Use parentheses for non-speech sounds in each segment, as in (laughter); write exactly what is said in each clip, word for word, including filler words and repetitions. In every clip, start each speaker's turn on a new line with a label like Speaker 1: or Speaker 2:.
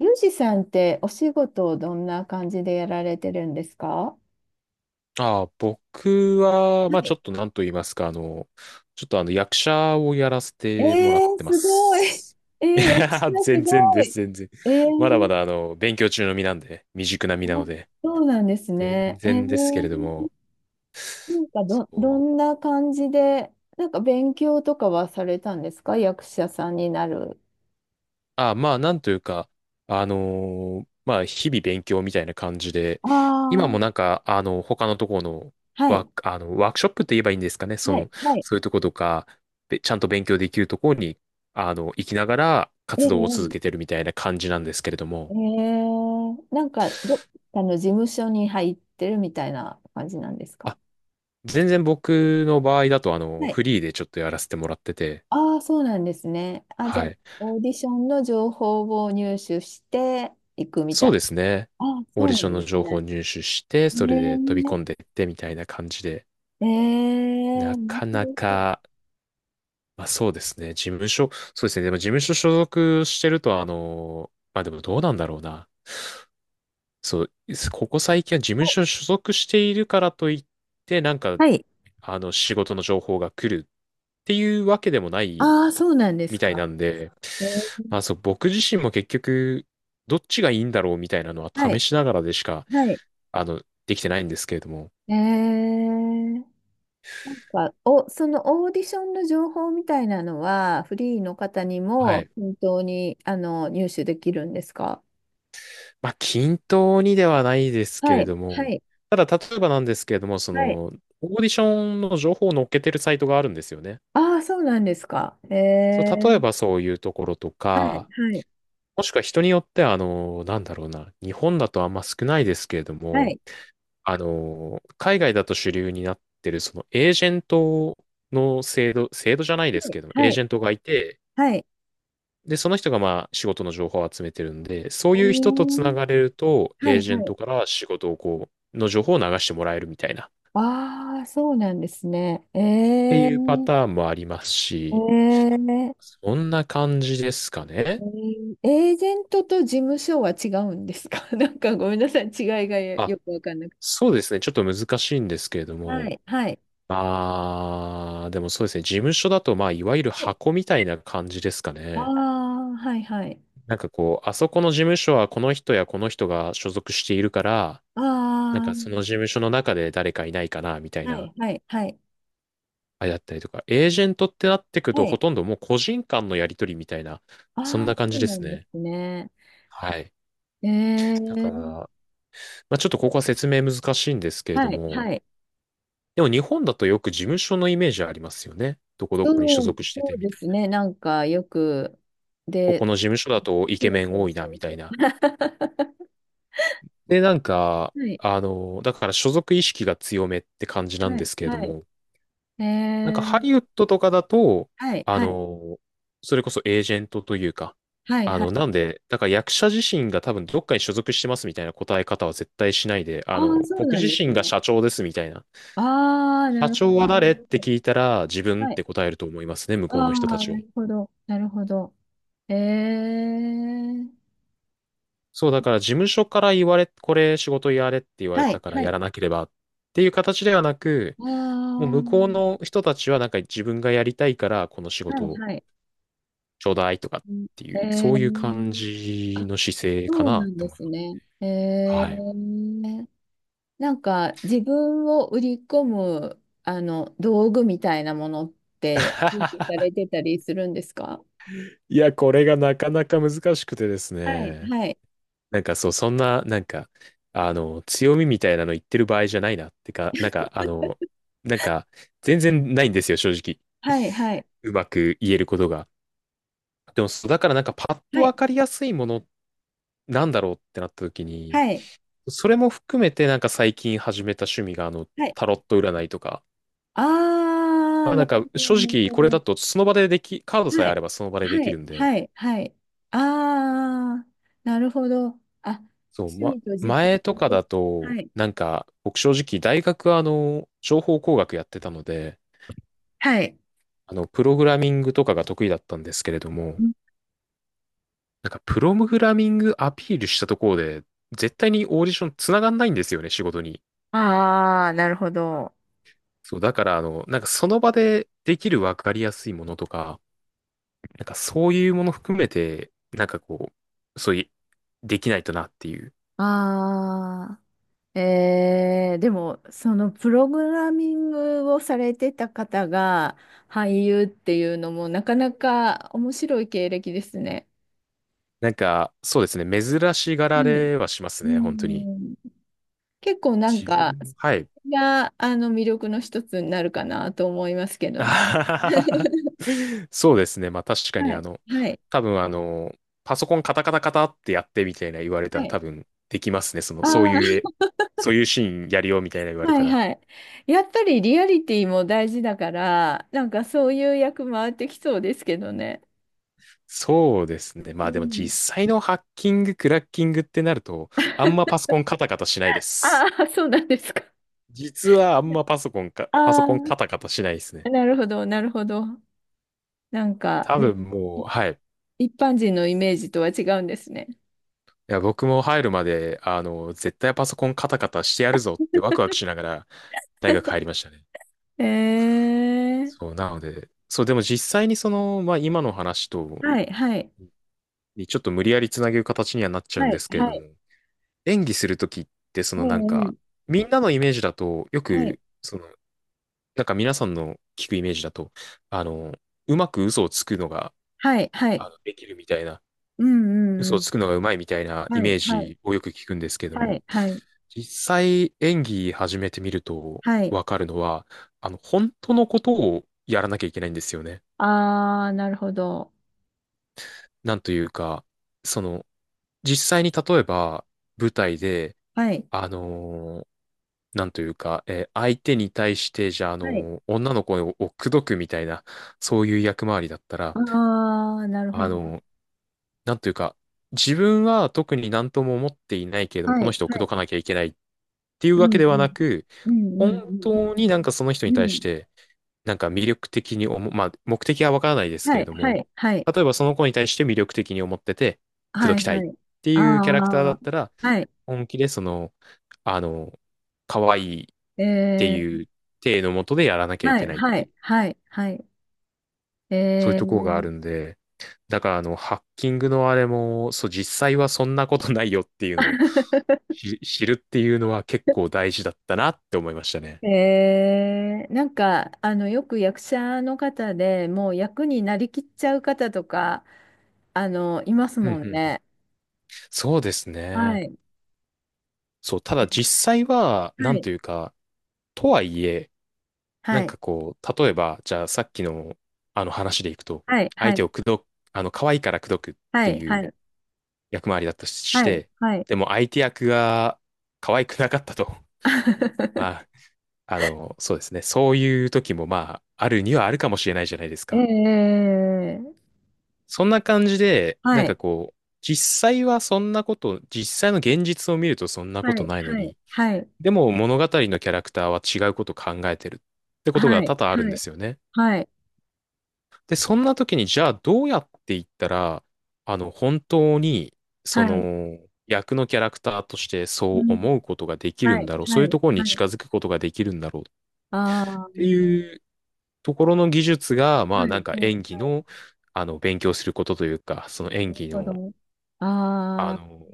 Speaker 1: ユージさんってお仕事をどんな感じでやられてるんですか？は
Speaker 2: ああ、僕は、まあちょ
Speaker 1: い。
Speaker 2: っとなんと言いますか、あの、ちょっとあの役者をやらせ
Speaker 1: え
Speaker 2: てもらっ
Speaker 1: ー、
Speaker 2: てま
Speaker 1: すごい。
Speaker 2: す。
Speaker 1: (laughs) えー、
Speaker 2: (laughs) い
Speaker 1: 役者
Speaker 2: や、
Speaker 1: す
Speaker 2: 全然
Speaker 1: ご
Speaker 2: です、
Speaker 1: い。
Speaker 2: 全然。
Speaker 1: え
Speaker 2: まだま
Speaker 1: ー、
Speaker 2: だあの、勉強中の身なんで、未熟な身
Speaker 1: あ、
Speaker 2: なので、
Speaker 1: そうなんです
Speaker 2: 全
Speaker 1: ね。え
Speaker 2: 然
Speaker 1: ー、
Speaker 2: ですけれども、
Speaker 1: なんか
Speaker 2: そ
Speaker 1: ど、ど
Speaker 2: う。
Speaker 1: んな感じで、なんか勉強とかはされたんですか、役者さんになる。
Speaker 2: あ、まあ、なんというか、あのーまあ、日々勉強みたいな感じで、
Speaker 1: あ
Speaker 2: 今もなん
Speaker 1: あ、
Speaker 2: か、あの、他のところの
Speaker 1: は
Speaker 2: ワー
Speaker 1: い、
Speaker 2: ク、あの、ワークショップって言えばいいんですかね、そ
Speaker 1: はい、
Speaker 2: の、
Speaker 1: はい。
Speaker 2: そういうところとか、べちゃんと勉強できるところに、あの、行きながら
Speaker 1: え
Speaker 2: 活動を続
Speaker 1: ー、
Speaker 2: けてるみたいな感じなんですけれど
Speaker 1: え
Speaker 2: も、
Speaker 1: ー、なんかどっかの事務所に入ってるみたいな感じなんですか？
Speaker 2: あ、全然僕の場合だと、あの、
Speaker 1: はい。
Speaker 2: フリーでちょっとやらせてもらってて、
Speaker 1: ああ、そうなんですね。あ、じゃ
Speaker 2: は
Speaker 1: あ、
Speaker 2: い。
Speaker 1: オーディションの情報を入手していくみた
Speaker 2: そう
Speaker 1: い。
Speaker 2: ですね。
Speaker 1: ああ、
Speaker 2: オー
Speaker 1: そ
Speaker 2: デ
Speaker 1: う
Speaker 2: ィショ
Speaker 1: な
Speaker 2: ン
Speaker 1: ん
Speaker 2: の
Speaker 1: です
Speaker 2: 情報を
Speaker 1: ね。
Speaker 2: 入手して、それで飛び込ん
Speaker 1: ね
Speaker 2: でいってみたいな感じで、
Speaker 1: え、ええ、
Speaker 2: な
Speaker 1: 面
Speaker 2: かな
Speaker 1: 白い。
Speaker 2: か、まあ、そうですね。事務所、そうですね。でも事務所所属してると、あの、まあでもどうなんだろうな。そう、ここ最近は事務所所属しているからといって、なんか、
Speaker 1: はい。
Speaker 2: あの、仕事の情報が来るっていうわけでもない
Speaker 1: ああ、そうなんで
Speaker 2: み
Speaker 1: す
Speaker 2: たい
Speaker 1: か。
Speaker 2: なんで、
Speaker 1: えー、
Speaker 2: まあそう、僕自身も結局、どっちがいいんだろうみたいなのは
Speaker 1: は
Speaker 2: 試
Speaker 1: い、
Speaker 2: しながらでしか、
Speaker 1: はい。
Speaker 2: あの、できてないんですけれども。
Speaker 1: ええ、なんか、お、そのオーディションの情報みたいなのは、フリーの方に
Speaker 2: は
Speaker 1: も
Speaker 2: い。
Speaker 1: 本当に、あの、入手できるんですか？
Speaker 2: まあ、均等にではないですけ
Speaker 1: は
Speaker 2: れ
Speaker 1: い、
Speaker 2: ど
Speaker 1: は
Speaker 2: も、
Speaker 1: い、
Speaker 2: ただ、例えばなんですけれども、そ
Speaker 1: はい。
Speaker 2: の、オーディションの情報を載っけてるサイトがあるんですよね。
Speaker 1: ああ、そうなんですか。え
Speaker 2: そう、例え
Speaker 1: え、
Speaker 2: ばそういうところと
Speaker 1: はい、は
Speaker 2: か、
Speaker 1: い、
Speaker 2: もしくは人によっては、あの、なんだろうな、日本だとあんま少ないですけれど
Speaker 1: は
Speaker 2: も、
Speaker 1: い。
Speaker 2: あの、海外だと主流になってる、その、エージェントの制度、制度じゃないです
Speaker 1: い、
Speaker 2: けども、エ
Speaker 1: は
Speaker 2: ー
Speaker 1: い、
Speaker 2: ジェントがいて、
Speaker 1: はい。
Speaker 2: で、その人がまあ仕事の情報を集めてるんで、そ
Speaker 1: え
Speaker 2: ういう人とつな
Speaker 1: ー、
Speaker 2: がれると、
Speaker 1: は
Speaker 2: エー
Speaker 1: い、
Speaker 2: ジェ
Speaker 1: は
Speaker 2: ン
Speaker 1: い。
Speaker 2: トから仕事をこう、の情報を流してもらえるみたいな、っ
Speaker 1: ああ、そうなんですね。え
Speaker 2: て
Speaker 1: え、え
Speaker 2: いうパターンもありますし、
Speaker 1: ええ
Speaker 2: そんな感じですかね。
Speaker 1: ー、エージェントと事務所は違うんですか？ (laughs) なんかごめんなさい、違いがよ
Speaker 2: あ、
Speaker 1: よくわかんなくて。
Speaker 2: そうですね。ちょっと難しいんですけれど
Speaker 1: は
Speaker 2: も、
Speaker 1: い、はい。
Speaker 2: まあ、でもそうですね。事務所だと、まあ、いわゆる箱みたいな感じですか
Speaker 1: あ
Speaker 2: ね。
Speaker 1: あー、はい、はい。
Speaker 2: なんかこう、あそこの事務所はこの人やこの人が所属しているから、なん
Speaker 1: あ
Speaker 2: かその事
Speaker 1: あ、
Speaker 2: 務所の中で誰かいないかな、みたい
Speaker 1: は
Speaker 2: な。
Speaker 1: い、はい、はい。
Speaker 2: あれだったりとか、エージェントってなってくと、
Speaker 1: は
Speaker 2: ほ
Speaker 1: い。
Speaker 2: とんどもう個人間のやり取りみたいな、そん
Speaker 1: ああ、
Speaker 2: な感
Speaker 1: そ
Speaker 2: じ
Speaker 1: う
Speaker 2: で
Speaker 1: な
Speaker 2: す
Speaker 1: んで
Speaker 2: ね。
Speaker 1: すね。
Speaker 2: ははい。い。
Speaker 1: え
Speaker 2: だか
Speaker 1: え、
Speaker 2: ら、まあ、ちょっとここは説明難しいんですけれど
Speaker 1: はい、
Speaker 2: も、
Speaker 1: はい。
Speaker 2: でも日本だとよく事務所のイメージありますよね。どこどこに所
Speaker 1: そう、
Speaker 2: 属して
Speaker 1: そ
Speaker 2: て
Speaker 1: う
Speaker 2: み
Speaker 1: で
Speaker 2: た
Speaker 1: す
Speaker 2: いな。
Speaker 1: ね。なんかよく、
Speaker 2: ここ
Speaker 1: で、
Speaker 2: の事務所だとイ
Speaker 1: そ
Speaker 2: ケ
Speaker 1: う
Speaker 2: メン
Speaker 1: そう
Speaker 2: 多いな、
Speaker 1: そう
Speaker 2: みた
Speaker 1: そ
Speaker 2: い
Speaker 1: う。
Speaker 2: な。
Speaker 1: (laughs)
Speaker 2: で、なんか、
Speaker 1: はい、
Speaker 2: あの、だから所属意識が強めって感じなん
Speaker 1: は
Speaker 2: で
Speaker 1: い、
Speaker 2: すけれど
Speaker 1: はい。
Speaker 2: も、なんか
Speaker 1: え
Speaker 2: ハ
Speaker 1: ー、
Speaker 2: リウッドとかだと、
Speaker 1: はい、
Speaker 2: あ
Speaker 1: はい、
Speaker 2: の、それこそエージェントというか、
Speaker 1: はい、
Speaker 2: あ
Speaker 1: は
Speaker 2: の、
Speaker 1: い。
Speaker 2: なんで、だから役者自身が多分どっかに所属してますみたいな答え方は絶対しないで、
Speaker 1: あ
Speaker 2: あ
Speaker 1: あ、
Speaker 2: の、
Speaker 1: そう
Speaker 2: 僕
Speaker 1: なん
Speaker 2: 自
Speaker 1: です
Speaker 2: 身が
Speaker 1: ね。
Speaker 2: 社長ですみたいな。
Speaker 1: ああ、な
Speaker 2: 社
Speaker 1: るほ
Speaker 2: 長
Speaker 1: ど
Speaker 2: は
Speaker 1: な。
Speaker 2: 誰って聞いたら自分っ
Speaker 1: はい。
Speaker 2: て答えると思いますね、向
Speaker 1: あ
Speaker 2: こうの人た
Speaker 1: あ、
Speaker 2: ち
Speaker 1: な
Speaker 2: は。
Speaker 1: るほど、なるほど。えー、
Speaker 2: そう、だから事務所から言われ、これ仕事やれって言われ
Speaker 1: は
Speaker 2: た
Speaker 1: い、
Speaker 2: から
Speaker 1: は
Speaker 2: や
Speaker 1: い。
Speaker 2: らなければっていう形ではなく、
Speaker 1: ああ、
Speaker 2: もう
Speaker 1: は
Speaker 2: 向こうの人たちはなんか自分がやりたいからこの仕事
Speaker 1: い、
Speaker 2: を
Speaker 1: はい。
Speaker 2: ちょうだいとかっ
Speaker 1: うん。
Speaker 2: ていう、
Speaker 1: え
Speaker 2: そういう感
Speaker 1: ー、
Speaker 2: じ
Speaker 1: あ、
Speaker 2: の姿勢か
Speaker 1: そう
Speaker 2: な
Speaker 1: な
Speaker 2: っ
Speaker 1: ん
Speaker 2: て
Speaker 1: で
Speaker 2: 思い
Speaker 1: す
Speaker 2: ます。
Speaker 1: ね。え
Speaker 2: はい。
Speaker 1: ー、なんか自分を売り込むあの道具みたいなものって準備さ
Speaker 2: (laughs)
Speaker 1: れてたりするんですか？
Speaker 2: いや、これがなかなか難しくてです
Speaker 1: はい、
Speaker 2: ね。
Speaker 1: はい、
Speaker 2: なんかそう、そんな、なんか、あの、強みみたいなの言ってる場合じゃないなってか、なんか、あの、なんか、全然ないんですよ、正直。
Speaker 1: はい、はい、
Speaker 2: うまく言えることが。でも、そうだからなんか、パッと
Speaker 1: はい、
Speaker 2: わかりやすいものなんだろうってなった時に、
Speaker 1: はい、
Speaker 2: それも含めてなんか最近始めた趣味が、あの、
Speaker 1: はい、
Speaker 2: タロット占いとか、
Speaker 1: ああ
Speaker 2: ま
Speaker 1: ー、
Speaker 2: あ
Speaker 1: な
Speaker 2: なん
Speaker 1: る
Speaker 2: か、
Speaker 1: ほど、
Speaker 2: 正
Speaker 1: なる
Speaker 2: 直
Speaker 1: ほ
Speaker 2: これだと、
Speaker 1: ど。
Speaker 2: その場ででき、カードさえ
Speaker 1: は
Speaker 2: あ
Speaker 1: い、
Speaker 2: ればその場でで
Speaker 1: は
Speaker 2: き
Speaker 1: い、
Speaker 2: るんで、
Speaker 1: はい、はい。ああー、なるほど、あ、
Speaker 2: そう、
Speaker 1: 趣
Speaker 2: ま、
Speaker 1: 味と実
Speaker 2: 前とか
Speaker 1: 用と、
Speaker 2: だと、
Speaker 1: はい、
Speaker 2: なんか、僕正直大学はあの、情報工学やってたので、
Speaker 1: はい、
Speaker 2: あの、プログラミングとかが得意だったんですけれども、なんか、プログラミングアピールしたところで、絶対にオーディション繋がんないんですよね、仕事に。
Speaker 1: ああー、なるほど、あ
Speaker 2: そう、だからあの、なんかその場でできるわかりやすいものとか、なんかそういうもの含めて、なんかこう、そういう、できないとなっていう。
Speaker 1: あー、えー、でも、そのプログラミングをされてた方が俳優っていうのもなかなか面白い経歴ですね。
Speaker 2: なんか、そうですね、珍しがら
Speaker 1: はい。
Speaker 2: れはします
Speaker 1: う
Speaker 2: ね、本当に。
Speaker 1: ん、結構なん
Speaker 2: 自分
Speaker 1: か、
Speaker 2: も、
Speaker 1: そ
Speaker 2: はい、
Speaker 1: れがあの魅力の一つになるかなと思いますけ
Speaker 2: (laughs) あ
Speaker 1: どね。
Speaker 2: はははそうですね。まあ確か
Speaker 1: は
Speaker 2: にあ
Speaker 1: い。
Speaker 2: の、
Speaker 1: はい。
Speaker 2: 多分あの、パソコンカタカタカタってやってみたいな言われた
Speaker 1: は
Speaker 2: ら
Speaker 1: い。
Speaker 2: 多分できますね。その、
Speaker 1: あ
Speaker 2: そう
Speaker 1: あ、
Speaker 2: いうえ、そういうシーンやるよみたいな言われ
Speaker 1: は
Speaker 2: た
Speaker 1: い、
Speaker 2: ら。
Speaker 1: はい。やっぱりリアリティも大事だから、なんかそういう役回ってきそうですけどね。
Speaker 2: そうですね。
Speaker 1: う
Speaker 2: まあでも
Speaker 1: ん。
Speaker 2: 実際のハッキング、クラッキングってなると、あんまパソコンカタカタしないで
Speaker 1: あ
Speaker 2: す。
Speaker 1: あ、そうなんですか。
Speaker 2: 実はあんまパソコンか、パソ
Speaker 1: あ
Speaker 2: コンカタカタしないです
Speaker 1: あ。
Speaker 2: ね。
Speaker 1: (laughs) なるほど、なるほど。なんか、
Speaker 2: 多
Speaker 1: で、
Speaker 2: 分も
Speaker 1: い
Speaker 2: う、はい。い
Speaker 1: 一般人のイメージとは違うんですね。
Speaker 2: や、僕も入るまで、あの、絶対パソコンカタカタしてやるぞってワクワクしながら大学入りましたね。
Speaker 1: えー、
Speaker 2: そう、なので、そう、でも実際にその、まあ今の話と、
Speaker 1: はい、はい、
Speaker 2: にちょっと無理やりつなげる形にはなっちゃう
Speaker 1: は
Speaker 2: んで
Speaker 1: い、
Speaker 2: すけれ
Speaker 1: は
Speaker 2: ども、
Speaker 1: い、
Speaker 2: 演技するときって、そ
Speaker 1: え
Speaker 2: のなんか、
Speaker 1: ー、
Speaker 2: みんなのイメージだと、よ
Speaker 1: はい、
Speaker 2: く、その、なんか皆さんの聞くイメージだと、あの、うまく嘘をつくのが、
Speaker 1: はい、は
Speaker 2: あ
Speaker 1: い、
Speaker 2: の、できるみたいな、
Speaker 1: うん、
Speaker 2: 嘘
Speaker 1: うん、う
Speaker 2: をつ
Speaker 1: ん、
Speaker 2: くのがうまいみたいなイ
Speaker 1: はい、
Speaker 2: メー
Speaker 1: はい、
Speaker 2: ジをよく聞くんですけれど
Speaker 1: は
Speaker 2: も、
Speaker 1: い、はい、
Speaker 2: 実際演技始めてみると
Speaker 1: はい、
Speaker 2: わかるのは、あの、本当のことをやらなきゃいけないんですよね。
Speaker 1: あー、なるほど。
Speaker 2: なんというか、その、実際に例えば、舞台で、
Speaker 1: はい、
Speaker 2: あのーなんというか、えー相手に対して、じゃあ、あ
Speaker 1: はい、
Speaker 2: のー女の子をを口説くみたいな、そういう役回りだったら、
Speaker 1: あー、なるほ
Speaker 2: あ
Speaker 1: ど。
Speaker 2: のーなんというか、自分は特に何とも思っていないけれども、
Speaker 1: はい、
Speaker 2: こ
Speaker 1: は
Speaker 2: の人を口説
Speaker 1: い、
Speaker 2: かなきゃいけないっていう
Speaker 1: う
Speaker 2: わ
Speaker 1: ん、
Speaker 2: け
Speaker 1: う
Speaker 2: ではな
Speaker 1: ん、
Speaker 2: く、
Speaker 1: うん、
Speaker 2: 本
Speaker 1: うん、
Speaker 2: 当になんかその人
Speaker 1: う
Speaker 2: に
Speaker 1: ん、う
Speaker 2: 対し
Speaker 1: ん、
Speaker 2: て、なんか魅力的に思う、まあ、目的はわからないですけ
Speaker 1: は
Speaker 2: れ
Speaker 1: い、
Speaker 2: ど
Speaker 1: は
Speaker 2: も、
Speaker 1: い、はい、
Speaker 2: 例えばその子に対して魅力的に思ってて、口
Speaker 1: は
Speaker 2: 説き
Speaker 1: い、
Speaker 2: たい
Speaker 1: は
Speaker 2: っ
Speaker 1: い、
Speaker 2: ていうキャラクターだ
Speaker 1: あ
Speaker 2: っ
Speaker 1: ー、
Speaker 2: たら、
Speaker 1: はい、
Speaker 2: 本気でその、あの、可愛い
Speaker 1: え
Speaker 2: って
Speaker 1: ー、
Speaker 2: いう体のもとでやらなきゃい
Speaker 1: は
Speaker 2: け
Speaker 1: い、
Speaker 2: ないっ
Speaker 1: は
Speaker 2: てい
Speaker 1: い、
Speaker 2: う、
Speaker 1: はい、はい。
Speaker 2: そういう
Speaker 1: え
Speaker 2: ところがあ
Speaker 1: ー。
Speaker 2: るんで、だからあの、ハッキングのあれも、そう、実際はそんなことないよっていうのを知知るっていうのは結
Speaker 1: (laughs)
Speaker 2: 構大事だったなって思いましたね。
Speaker 1: えー、なんか、あの、よく役者の方でもう役になりきっちゃう方とか、あの、います
Speaker 2: うんう
Speaker 1: もん
Speaker 2: んうん。
Speaker 1: ね。
Speaker 2: そうです
Speaker 1: は
Speaker 2: ね。
Speaker 1: い。
Speaker 2: そう、た
Speaker 1: え
Speaker 2: だ実
Speaker 1: ー、
Speaker 2: 際は、な
Speaker 1: は
Speaker 2: ん
Speaker 1: い、
Speaker 2: というか、とはいえ、な
Speaker 1: は
Speaker 2: ん
Speaker 1: い、
Speaker 2: かこう、例えば、じゃあさっきのあの話でいくと、
Speaker 1: はい、
Speaker 2: 相
Speaker 1: は
Speaker 2: 手
Speaker 1: い、
Speaker 2: を口説く、あの、可愛いから口説くっ
Speaker 1: は
Speaker 2: て
Speaker 1: い、
Speaker 2: い
Speaker 1: は
Speaker 2: う
Speaker 1: い、
Speaker 2: 役回りだったとし
Speaker 1: はい、
Speaker 2: て、
Speaker 1: はい。
Speaker 2: でも相手役が可愛くなかったと。(laughs) まあ、
Speaker 1: (laughs)
Speaker 2: あの、そうですね。そういう時もまあ、あるにはあるかもしれないじゃないですか。
Speaker 1: ええ、
Speaker 2: そんな感じで、な
Speaker 1: は
Speaker 2: んか
Speaker 1: い、
Speaker 2: こう、実際はそんなこと、実際の現実を見るとそんなこ
Speaker 1: は
Speaker 2: と
Speaker 1: い、
Speaker 2: ないの
Speaker 1: はい、
Speaker 2: に、
Speaker 1: はい、
Speaker 2: でも物語のキャラクターは違うことを考えてるってこと
Speaker 1: は
Speaker 2: が
Speaker 1: い、
Speaker 2: 多々あるん
Speaker 1: は
Speaker 2: で
Speaker 1: い、
Speaker 2: すよね。
Speaker 1: はい、
Speaker 2: で、そんな時にじゃあどうやっていったら、あの、本当に、そ
Speaker 1: はい、
Speaker 2: の、役のキャラクターとして
Speaker 1: う
Speaker 2: そう
Speaker 1: ん、
Speaker 2: 思うことができる
Speaker 1: は
Speaker 2: ん
Speaker 1: い、
Speaker 2: だろう。そう
Speaker 1: は
Speaker 2: いう
Speaker 1: い、
Speaker 2: ところに
Speaker 1: はい、
Speaker 2: 近づくことができるんだろうっ
Speaker 1: ああ、
Speaker 2: ていうところの技術が、ま
Speaker 1: は
Speaker 2: あ
Speaker 1: い、
Speaker 2: なんか
Speaker 1: は
Speaker 2: 演技
Speaker 1: い。
Speaker 2: の、あの、勉強することというか、その
Speaker 1: な
Speaker 2: 演
Speaker 1: る
Speaker 2: 技
Speaker 1: ほ
Speaker 2: の、
Speaker 1: ど。
Speaker 2: あ
Speaker 1: あ
Speaker 2: の、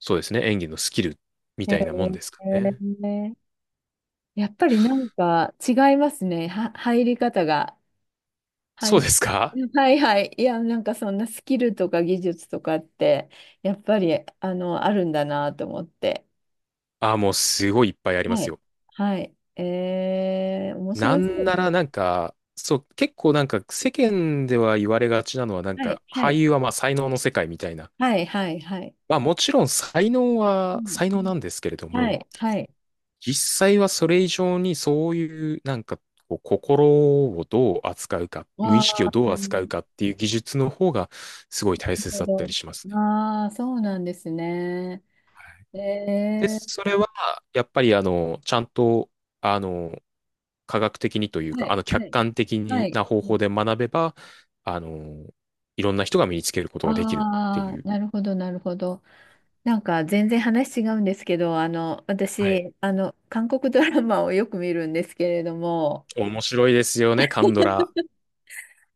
Speaker 2: そうですね、演技のスキルみ
Speaker 1: あ、へ
Speaker 2: たいなもんですかね。
Speaker 1: え。やっぱりなんか違いますね。は、入り方が。は
Speaker 2: そう
Speaker 1: い。
Speaker 2: ですか
Speaker 1: はい、はい。いや、なんかそんなスキルとか技術とかって、やっぱり、あの、あるんだなと思って。
Speaker 2: ああ、もうすごいいっぱいありま
Speaker 1: は
Speaker 2: す
Speaker 1: い。
Speaker 2: よ。
Speaker 1: はい。えー、面白
Speaker 2: な
Speaker 1: そ
Speaker 2: ん
Speaker 1: うで
Speaker 2: なら
Speaker 1: す。
Speaker 2: なんか、そう、結構なんか世間では言われがちなのはなん
Speaker 1: はい、
Speaker 2: か
Speaker 1: は
Speaker 2: 俳
Speaker 1: い。
Speaker 2: 優はまあ才能の世界みたいな。
Speaker 1: はい、はい、はい。
Speaker 2: まあもちろん才能
Speaker 1: う
Speaker 2: は
Speaker 1: ん、
Speaker 2: 才
Speaker 1: う
Speaker 2: 能
Speaker 1: ん、
Speaker 2: なんですけれど
Speaker 1: は
Speaker 2: も、
Speaker 1: い、はい。
Speaker 2: 実際はそれ以上にそういうなんかこう心をどう扱うか、無
Speaker 1: わ
Speaker 2: 意
Speaker 1: あ、
Speaker 2: 識を
Speaker 1: な
Speaker 2: どう扱う
Speaker 1: る
Speaker 2: かっていう技術の方がすごい大切
Speaker 1: ほ
Speaker 2: だった
Speaker 1: ど。
Speaker 2: りします。
Speaker 1: ああ、そうなんですね。
Speaker 2: で、
Speaker 1: えー、
Speaker 2: それは、やっぱり、あの、ちゃんと、あの、科学的にという
Speaker 1: は
Speaker 2: か、
Speaker 1: い、
Speaker 2: あの、
Speaker 1: は
Speaker 2: 客
Speaker 1: い、
Speaker 2: 観的
Speaker 1: は
Speaker 2: に
Speaker 1: い。
Speaker 2: な方法で学べば、あの、いろんな人が身につけることができるって
Speaker 1: ああ
Speaker 2: い
Speaker 1: ー、
Speaker 2: う。
Speaker 1: なるほど、なるほど。なんか全然話違うんですけど、あの、
Speaker 2: はい。
Speaker 1: 私、あの、韓国ドラマをよく見るんですけれども、
Speaker 2: 面白いですよね、カンドラ。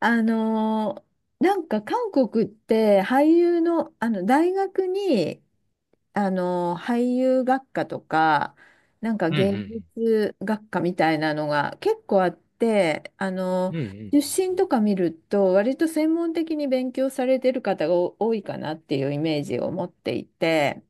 Speaker 1: あの、なんか韓国って俳優の、あの、大学に、あの、俳優学科とか、なんか
Speaker 2: うんう
Speaker 1: 芸
Speaker 2: ん
Speaker 1: 術学科みたいなのが結構あって、あ
Speaker 2: う
Speaker 1: の、
Speaker 2: ん。う
Speaker 1: 出
Speaker 2: ん
Speaker 1: 身とか見ると、割と専門的に勉強されてる方が多いかなっていうイメージを持っていて、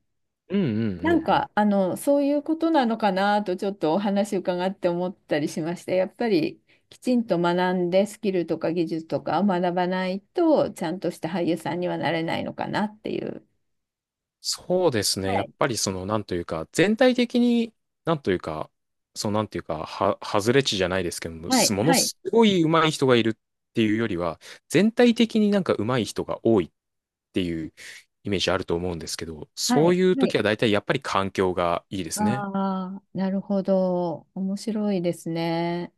Speaker 2: うんうんうん。うんうんうんう
Speaker 1: なん
Speaker 2: ん。
Speaker 1: か、あの、そういうことなのかなとちょっとお話伺って思ったりしまして、やっぱりきちんと学んでスキルとか技術とかを学ばないと、ちゃんとした俳優さんにはなれないのかなっていう。
Speaker 2: そうですね。
Speaker 1: は
Speaker 2: やっ
Speaker 1: い。
Speaker 2: ぱりその、なんというか、全体的に、なんというか、そうなんというか、は、外れ値じゃないですけども、
Speaker 1: は
Speaker 2: す
Speaker 1: い、
Speaker 2: もの
Speaker 1: はい、
Speaker 2: すごい上手い人がいるっていうよりは、全体的になんか上手い人が多いっていうイメージあると思うんですけど、
Speaker 1: は
Speaker 2: そう
Speaker 1: い、
Speaker 2: いう
Speaker 1: はい。
Speaker 2: 時は大体やっぱり環境がいいですね。
Speaker 1: ああ、なるほど。面白いですね。